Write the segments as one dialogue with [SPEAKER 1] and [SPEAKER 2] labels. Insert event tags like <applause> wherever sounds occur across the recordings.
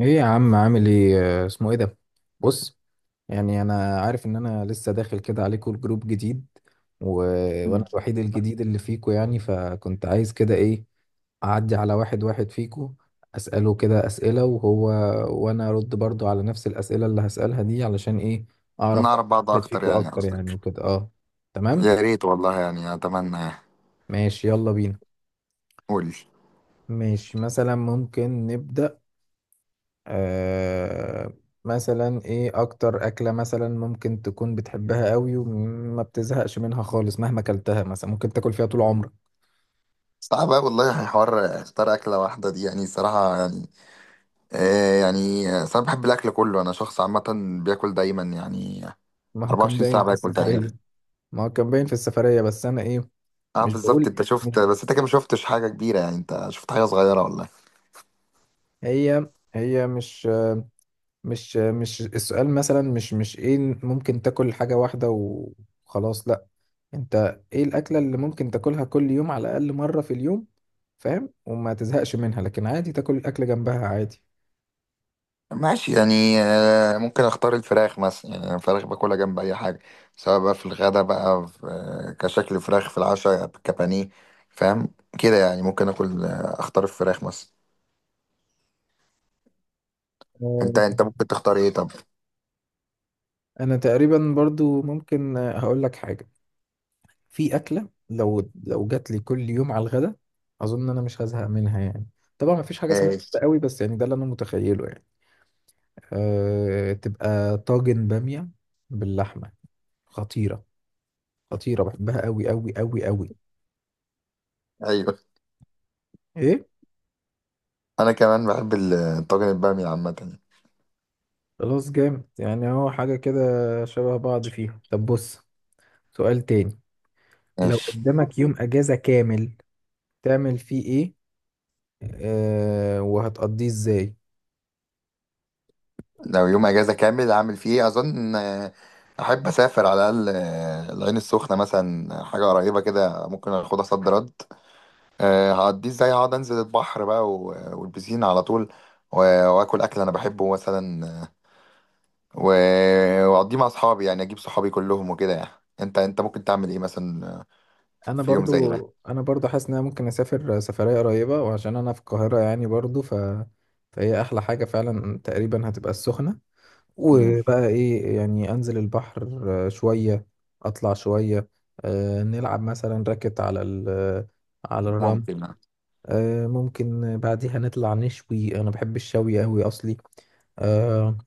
[SPEAKER 1] ايه يا عم، عامل ايه؟ اسمه ايه ده؟ بص، يعني انا عارف ان انا لسه داخل كده عليكم، الجروب جديد. و... وانا
[SPEAKER 2] مم.
[SPEAKER 1] الوحيد الجديد اللي فيكو، يعني فكنت عايز كده ايه، اعدي على واحد واحد فيكو، اساله كده اسئله، وهو وانا ارد برضو على نفس الاسئله اللي هسالها دي، علشان ايه؟ اعرف
[SPEAKER 2] نعرف بعض
[SPEAKER 1] واحد
[SPEAKER 2] اكتر
[SPEAKER 1] فيكو
[SPEAKER 2] يعني
[SPEAKER 1] اكتر يعني،
[SPEAKER 2] قصدك.
[SPEAKER 1] وكده. اه، تمام.
[SPEAKER 2] يا ريت والله يعني اتمنى يعني.
[SPEAKER 1] ماشي، يلا بينا.
[SPEAKER 2] قول.
[SPEAKER 1] ماشي، مثلا ممكن نبدا. آه مثلا ايه اكتر اكلة مثلا ممكن تكون بتحبها قوي وما بتزهقش منها خالص مهما اكلتها، مثلا ممكن تاكل فيها طول عمرك؟
[SPEAKER 2] صعب أوي والله، حوار اختار اكله واحده دي يعني صراحه يعني. آه يعني أصل انا بحب الاكل كله، انا شخص عامه بياكل دايما يعني.
[SPEAKER 1] ما هو كان
[SPEAKER 2] 24
[SPEAKER 1] باين
[SPEAKER 2] ساعه
[SPEAKER 1] في
[SPEAKER 2] باكل تقريبا.
[SPEAKER 1] السفرية. ما هو كان باين في السفرية بس انا ايه،
[SPEAKER 2] اه
[SPEAKER 1] مش
[SPEAKER 2] بالظبط
[SPEAKER 1] بقول،
[SPEAKER 2] انت
[SPEAKER 1] مش
[SPEAKER 2] شفت، بس انت كده ما شفتش حاجه كبيره يعني، انت شفت حاجه صغيره والله.
[SPEAKER 1] هي هي، مش السؤال، مثلا مش ايه، ممكن تاكل حاجة واحدة وخلاص، لا. انت ايه الاكلة اللي ممكن تاكلها كل يوم على الاقل مرة في اليوم، فاهم، وما تزهقش منها، لكن عادي تاكل الاكل جنبها؟
[SPEAKER 2] ماشي يعني، ممكن اختار الفراخ مثلا يعني. أنا الفراخ باكلها جنب اي حاجه، سواء بقى في الغدا بقى في كشكل فراخ، في العشاء كبانيه. فاهم كده يعني، ممكن اكل، اختار الفراخ مثلا. انت
[SPEAKER 1] عادي.
[SPEAKER 2] انت ممكن تختار ايه طب؟
[SPEAKER 1] انا تقريبا برضو ممكن، هقول لك حاجه، في اكله لو جات لي كل يوم على الغدا، اظن انا مش هزهق منها يعني. طبعا ما فيش حاجه اسمها كده
[SPEAKER 2] ماشي.
[SPEAKER 1] قوي، بس يعني ده اللي انا متخيله يعني. أه، تبقى طاجن باميه باللحمه. خطيره. خطيره، بحبها قوي قوي قوي قوي.
[SPEAKER 2] ايوه
[SPEAKER 1] ايه.
[SPEAKER 2] انا كمان بحب طاجن الباميه عامه.
[SPEAKER 1] خلاص، جامد، يعني هو حاجه كده شبه بعض فيها. طب بص، سؤال تاني. لو
[SPEAKER 2] ماشي.
[SPEAKER 1] قدامك يوم اجازه كامل، تعمل فيه ايه؟ أه، وهتقضيه ازاي؟
[SPEAKER 2] لو يوم اجازه كامل اعمل فيه إيه؟ اظن احب اسافر على الاقل، العين السخنه مثلا، حاجه قريبه كده ممكن اخدها صد رد. هعديه ازاي؟ اقعد انزل البحر بقى والبسين على طول، واكل اكل انا بحبه مثلا، و- واقضيه مع اصحابي يعني، اجيب صحابي كلهم وكده يعني. انت انت ممكن تعمل ايه مثلا
[SPEAKER 1] انا
[SPEAKER 2] في يوم زي
[SPEAKER 1] برضو
[SPEAKER 2] ده؟
[SPEAKER 1] انا برضو حاسس ان انا ممكن اسافر سفريه قريبه، وعشان انا في القاهره يعني برضو، فهي احلى حاجه فعلا، تقريبا هتبقى السخنه.
[SPEAKER 2] مم،
[SPEAKER 1] وبقى ايه، يعني انزل البحر شويه، اطلع شويه، نلعب مثلا راكت على على الرمل.
[SPEAKER 2] ممكن اه.
[SPEAKER 1] ممكن بعديها نطلع نشوي، انا بحب الشوي قوي اصلي. آه،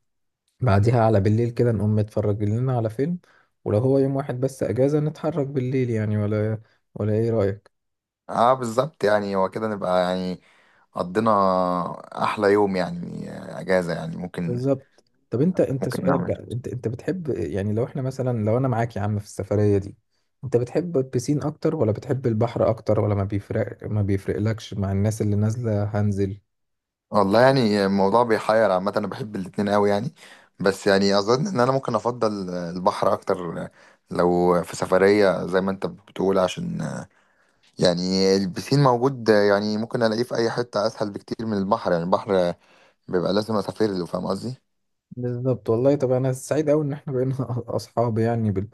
[SPEAKER 1] بعديها على بالليل كده نقوم نتفرج لنا على فيلم، ولو هو يوم واحد بس اجازه نتحرك بالليل يعني. ولا ايه رايك؟
[SPEAKER 2] بالظبط يعني هو كده نبقى يعني قضينا احلى يوم يعني، اجازة يعني ممكن.
[SPEAKER 1] بالظبط. طب انت انت
[SPEAKER 2] ممكن
[SPEAKER 1] سؤال
[SPEAKER 2] نعمل.
[SPEAKER 1] بقى، انت انت بتحب، يعني لو احنا مثلا، لو انا معاك يا عم في السفرية دي، انت بتحب البسين اكتر ولا بتحب البحر اكتر، ولا ما بيفرق، ما بيفرقلكش مع الناس اللي نازلة هنزل؟
[SPEAKER 2] والله يعني الموضوع بيحير عامة، أنا بحب الاتنين أوي يعني، بس يعني أظن إن أنا ممكن أفضل البحر أكتر لو في سفرية زي ما أنت بتقول. عشان يعني البسين موجود يعني ممكن ألاقيه في أي حتة أسهل بكتير من البحر، يعني البحر بيبقى لازم أسافر له، فاهم قصدي؟
[SPEAKER 1] بالظبط والله. طب انا سعيد قوي ان احنا بقينا <laughs> اصحاب، يعني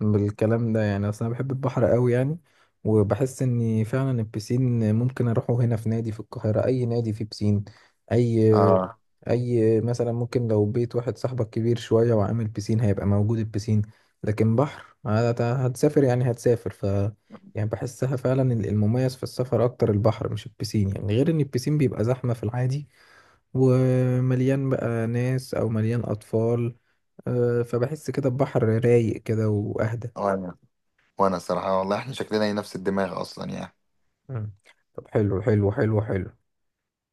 [SPEAKER 1] بالكلام ده، يعني اصل انا بحب البحر قوي يعني. وبحس ان فعلا البسين ممكن اروحه هنا في نادي في القاهرة، اي نادي فيه بسين، اي،
[SPEAKER 2] آه.
[SPEAKER 1] مثلا ممكن لو بيت واحد صاحبك كبير شوية وعامل بيسين، هيبقى موجود البيسين. لكن بحر هتسافر، يعني هتسافر، يعني بحسها فعلا المميز في السفر اكتر البحر مش البيسين، يعني غير ان البيسين بيبقى زحمة في العادي، ومليان بقى ناس او مليان اطفال. فبحس كده البحر رايق كده واهدى.
[SPEAKER 2] وأنا وأنا الصراحة والله إحنا شكلنا هي نفس الدماغ أصلا يعني.
[SPEAKER 1] مم. طب حلو حلو حلو حلو.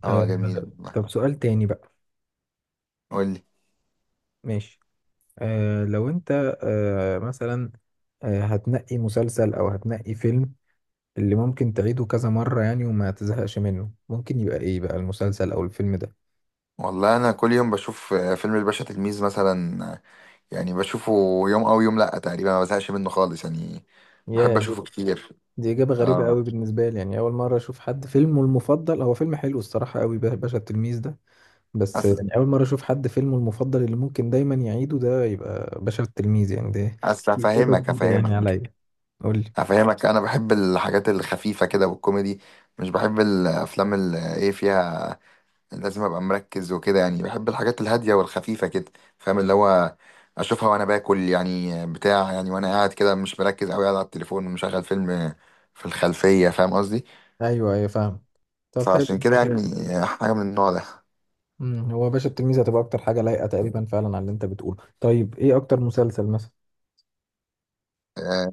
[SPEAKER 1] آه،
[SPEAKER 2] آه جميل والله.
[SPEAKER 1] طب سؤال تاني بقى.
[SPEAKER 2] قول لي.
[SPEAKER 1] ماشي. لو انت، آه مثلا آه هتنقي مسلسل او هتنقي فيلم اللي ممكن تعيده كذا مرة يعني وما تزهقش منه، ممكن يبقى ايه بقى المسلسل او الفيلم ده؟
[SPEAKER 2] والله أنا كل يوم بشوف فيلم الباشا تلميذ مثلا، يعني بشوفه يوم او يوم لا تقريبا، ما بزهقش منه خالص يعني، بحب
[SPEAKER 1] يا دي،
[SPEAKER 2] اشوفه كتير.
[SPEAKER 1] دي اجابة غريبة
[SPEAKER 2] اه.
[SPEAKER 1] قوي بالنسبة لي، يعني اول مرة اشوف حد فيلمه المفضل هو فيلم، حلو الصراحة قوي، باشا التلميذ ده. بس
[SPEAKER 2] اصل
[SPEAKER 1] يعني اول مرة اشوف حد فيلمه المفضل اللي ممكن دايما يعيده ده يبقى باشا التلميذ يعني ده.
[SPEAKER 2] اصل
[SPEAKER 1] دي اجابة
[SPEAKER 2] افهمك
[SPEAKER 1] جديدة يعني
[SPEAKER 2] افهمك
[SPEAKER 1] عليا. قول لي.
[SPEAKER 2] افهمك انا بحب الحاجات الخفيفه كده والكوميدي، مش بحب الافلام اللي ايه فيها لازم ابقى مركز وكده يعني. بحب الحاجات الهاديه والخفيفه كده، فاهم اللي هو اشوفها وانا باكل يعني بتاع يعني، وانا قاعد كده مش مركز قوي، قاعد على التليفون مشغل فيلم في الخلفيه، فاهم قصدي؟
[SPEAKER 1] ايوه ايوه، فاهم. طب حلو.
[SPEAKER 2] فعشان كده يعني حاجه من النوع ده.
[SPEAKER 1] هو باشا التلميذ هتبقى اكتر حاجه لايقه تقريبا فعلا على اللي انت بتقوله. طيب ايه اكتر مسلسل مثلا؟
[SPEAKER 2] آه،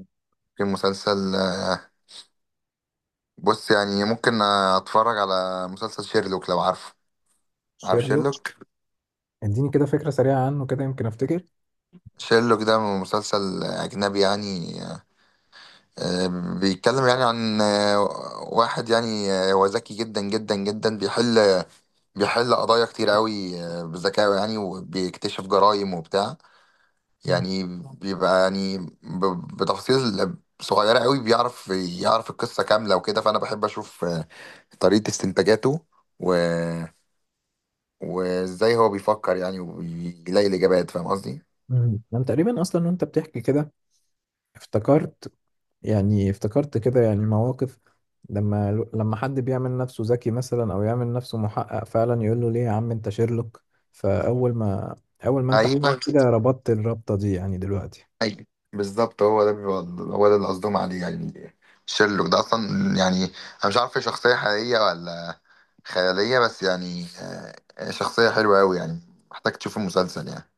[SPEAKER 2] في مسلسل، بص يعني ممكن اتفرج على مسلسل شيرلوك، لو عارفه. عارف
[SPEAKER 1] شيرلوك.
[SPEAKER 2] شيرلوك.
[SPEAKER 1] اديني كده فكره سريعه عنه، كده يمكن افتكر.
[SPEAKER 2] شيرلوك ده مسلسل اجنبي يعني، بيتكلم يعني عن واحد يعني، هو ذكي جدا جدا جدا، بيحل قضايا كتير قوي، بذكائه يعني، وبيكتشف جرائم وبتاع يعني. بيبقى يعني بتفاصيل صغيرة قوي بيعرف يعرف القصة كاملة وكده. فأنا بحب أشوف طريقة استنتاجاته، و وازاي هو بيفكر يعني وبيلاقي الاجابات، فاهم قصدي؟
[SPEAKER 1] انا تقريبا اصلا وانت بتحكي كده، افتكرت، يعني افتكرت كده يعني مواقف، لما حد بيعمل نفسه ذكي مثلا، او يعمل نفسه محقق، فعلا يقول له ليه يا عم انت شيرلوك. فاول ما اول ما انت
[SPEAKER 2] ايوه
[SPEAKER 1] حكيت كده ربطت الربطه دي يعني دلوقتي.
[SPEAKER 2] ايوه، بالظبط هو ده بيبقى هو ده اللي قصدهم عليه يعني. شيرلوك ده اصلا يعني انا مش عارف هي شخصيه حقيقيه ولا خياليه، بس يعني شخصيه حلوه قوي يعني، محتاج تشوف المسلسل يعني.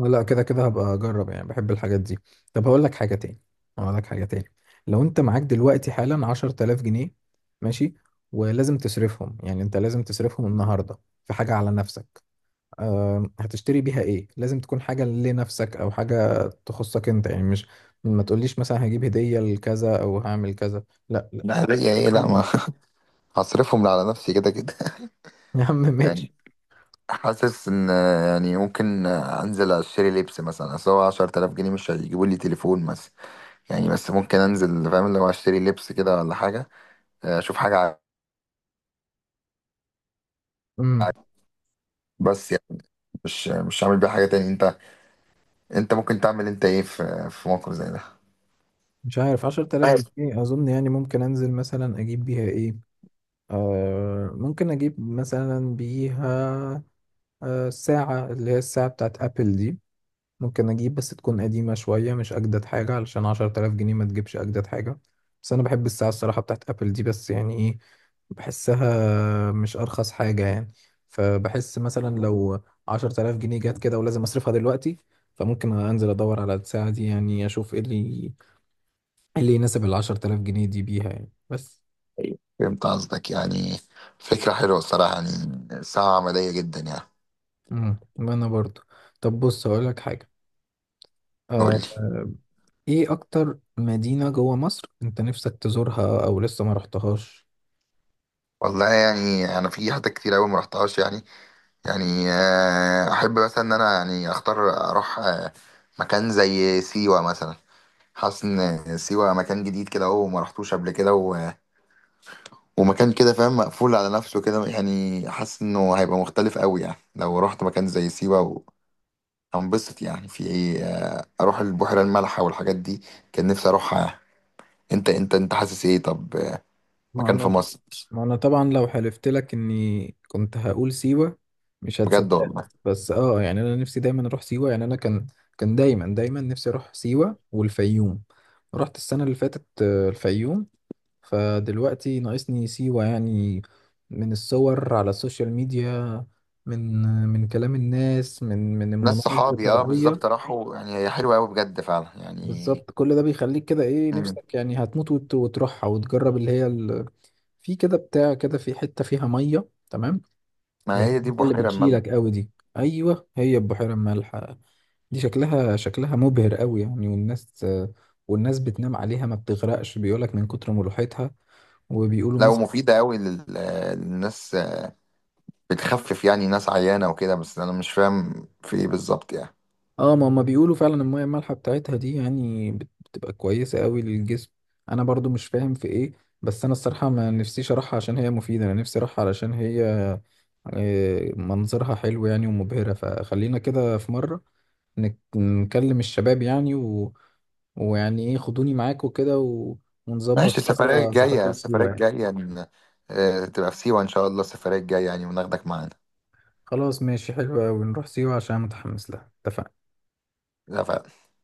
[SPEAKER 1] لا كده كده هبقى اجرب، يعني بحب الحاجات دي. طب هقول لك حاجه تاني، هقول لك حاجه تاني لو انت معاك دلوقتي حالا 10,000 جنيه، ماشي، ولازم تصرفهم، يعني انت لازم تصرفهم النهارده في حاجه على نفسك. أه، هتشتري بيها ايه؟ لازم تكون حاجه لنفسك او حاجه تخصك انت يعني، مش ما تقوليش مثلا هجيب هديه لكذا، او هعمل كذا، لا لا.
[SPEAKER 2] لا ليا ايه لا ما. <laughs> هصرفهم على نفسي كده كده.
[SPEAKER 1] يا عم
[SPEAKER 2] <laughs> يعني
[SPEAKER 1] ماشي.
[SPEAKER 2] حاسس ان يعني ممكن انزل اشتري لبس مثلا، اصل هو 10000 جنيه مش هيجيبوا لي تليفون مثلا يعني، بس ممكن انزل فاهم، لو اشتري لبس كده ولا حاجه، اشوف حاجه
[SPEAKER 1] امم
[SPEAKER 2] بس يعني مش هعمل بيها حاجه تاني. انت انت ممكن تعمل انت ايه في موقف زي ده؟
[SPEAKER 1] مش عارف، 10000
[SPEAKER 2] عارف.
[SPEAKER 1] جنيه اظن يعني ممكن انزل مثلا اجيب بيها ايه، آه ممكن أجيب مثلا بيها، آه، ساعة، اللي هي الساعة بتاعت أبل دي. ممكن أجيب بس تكون قديمة شوية، مش أجدد حاجة، علشان 10,000 جنيه ما تجيبش أجدد حاجة. بس أنا بحب الساعة الصراحة بتاعت أبل دي، بس يعني إيه، بحسها مش أرخص حاجة يعني. فبحس مثلا لو 10,000 جنيه جت كده، ولازم أصرفها دلوقتي، فممكن أنزل أدور على الساعة دي، يعني أشوف إيه اللي يناسب الـ10,000 جنيه دي بيها يعني، بس.
[SPEAKER 2] فهمت قصدك يعني. فكره حلوه الصراحه يعني، ساعه عمليه جدا يعني.
[SPEAKER 1] مم. أنا برضو. طب بص، هقولك حاجة.
[SPEAKER 2] قول
[SPEAKER 1] آه،
[SPEAKER 2] لي.
[SPEAKER 1] ايه اكتر مدينة جوه مصر انت نفسك تزورها او لسه ما رحتهاش؟
[SPEAKER 2] والله يعني انا في حتت كتير قوي ما رحتهاش يعني. يعني احب مثلا ان انا يعني اختار اروح مكان زي سيوه مثلا. حاسس ان سيوه مكان جديد كده اهو، ما رحتوش قبل كده، ومكان كده فاهم مقفول على نفسه كده يعني، حاسس انه هيبقى مختلف قوي يعني لو رحت مكان زي سيوة هنبسط يعني في ايه، اروح البحيرة المالحة والحاجات دي. كان نفسي اروحها يعني. انت انت انت حاسس ايه طب،
[SPEAKER 1] ما
[SPEAKER 2] مكان في
[SPEAKER 1] انا
[SPEAKER 2] مصر؟
[SPEAKER 1] ما انا طبعا لو حلفت لك اني كنت هقول سيوة مش
[SPEAKER 2] بجد
[SPEAKER 1] هتصدق.
[SPEAKER 2] والله.
[SPEAKER 1] بس اه يعني انا نفسي دايما اروح سيوة، يعني انا كان دايما دايما نفسي اروح سيوة والفيوم. رحت السنة اللي فاتت الفيوم، فدلوقتي ناقصني سيوة يعني. من الصور على السوشيال ميديا، من من كلام الناس، من
[SPEAKER 2] ناس
[SPEAKER 1] المناظر
[SPEAKER 2] صحابي اه
[SPEAKER 1] الطبيعية.
[SPEAKER 2] بالظبط راحوا، يعني هي حلوة قوي بجد فعلا يعني.
[SPEAKER 1] بالظبط، كل ده بيخليك كده ايه،
[SPEAKER 2] مم.
[SPEAKER 1] نفسك يعني هتموت وتروحها وتجرب اللي هي في كده بتاع كده، في حتة فيها مية، تمام، اللي
[SPEAKER 2] ما
[SPEAKER 1] هي
[SPEAKER 2] هي دي
[SPEAKER 1] المية اللي
[SPEAKER 2] البحيرة المالحة.
[SPEAKER 1] بتشيلك قوي دي. ايوه، هي البحيرة المالحة. دي شكلها شكلها مبهر قوي يعني، والناس، والناس بتنام عليها ما بتغرقش، بيقولك من كتر ملوحتها، وبيقولوا.
[SPEAKER 2] لا ومفيدة قوي للناس، بتخفف يعني ناس عيانة وكده، بس انا مش فاهم في ايه بالظبط يعني.
[SPEAKER 1] اه، ما هما بيقولوا فعلا المية المالحة بتاعتها دي يعني بتبقى كويسة قوي للجسم. انا برضو مش فاهم في ايه، بس انا الصراحة ما نفسيش اروحها عشان هي مفيدة، انا نفسي اروحها علشان هي منظرها حلو يعني ومبهرة. فخلينا كده في مرة نكلم الشباب يعني، ويعني ايه، خدوني معاكوا كده،
[SPEAKER 2] ماشي،
[SPEAKER 1] ونظبط
[SPEAKER 2] السفرية
[SPEAKER 1] مرة
[SPEAKER 2] الجاية
[SPEAKER 1] سفرية
[SPEAKER 2] السفرية
[SPEAKER 1] لسيوة يعني.
[SPEAKER 2] الجاية تبقى في سيوة إن شاء الله السفرية الجاية يعني، وناخدك معانا.
[SPEAKER 1] خلاص ماشي، حلو قوي، نروح سيوة عشان متحمس لها، اتفقنا.
[SPEAKER 2] لا،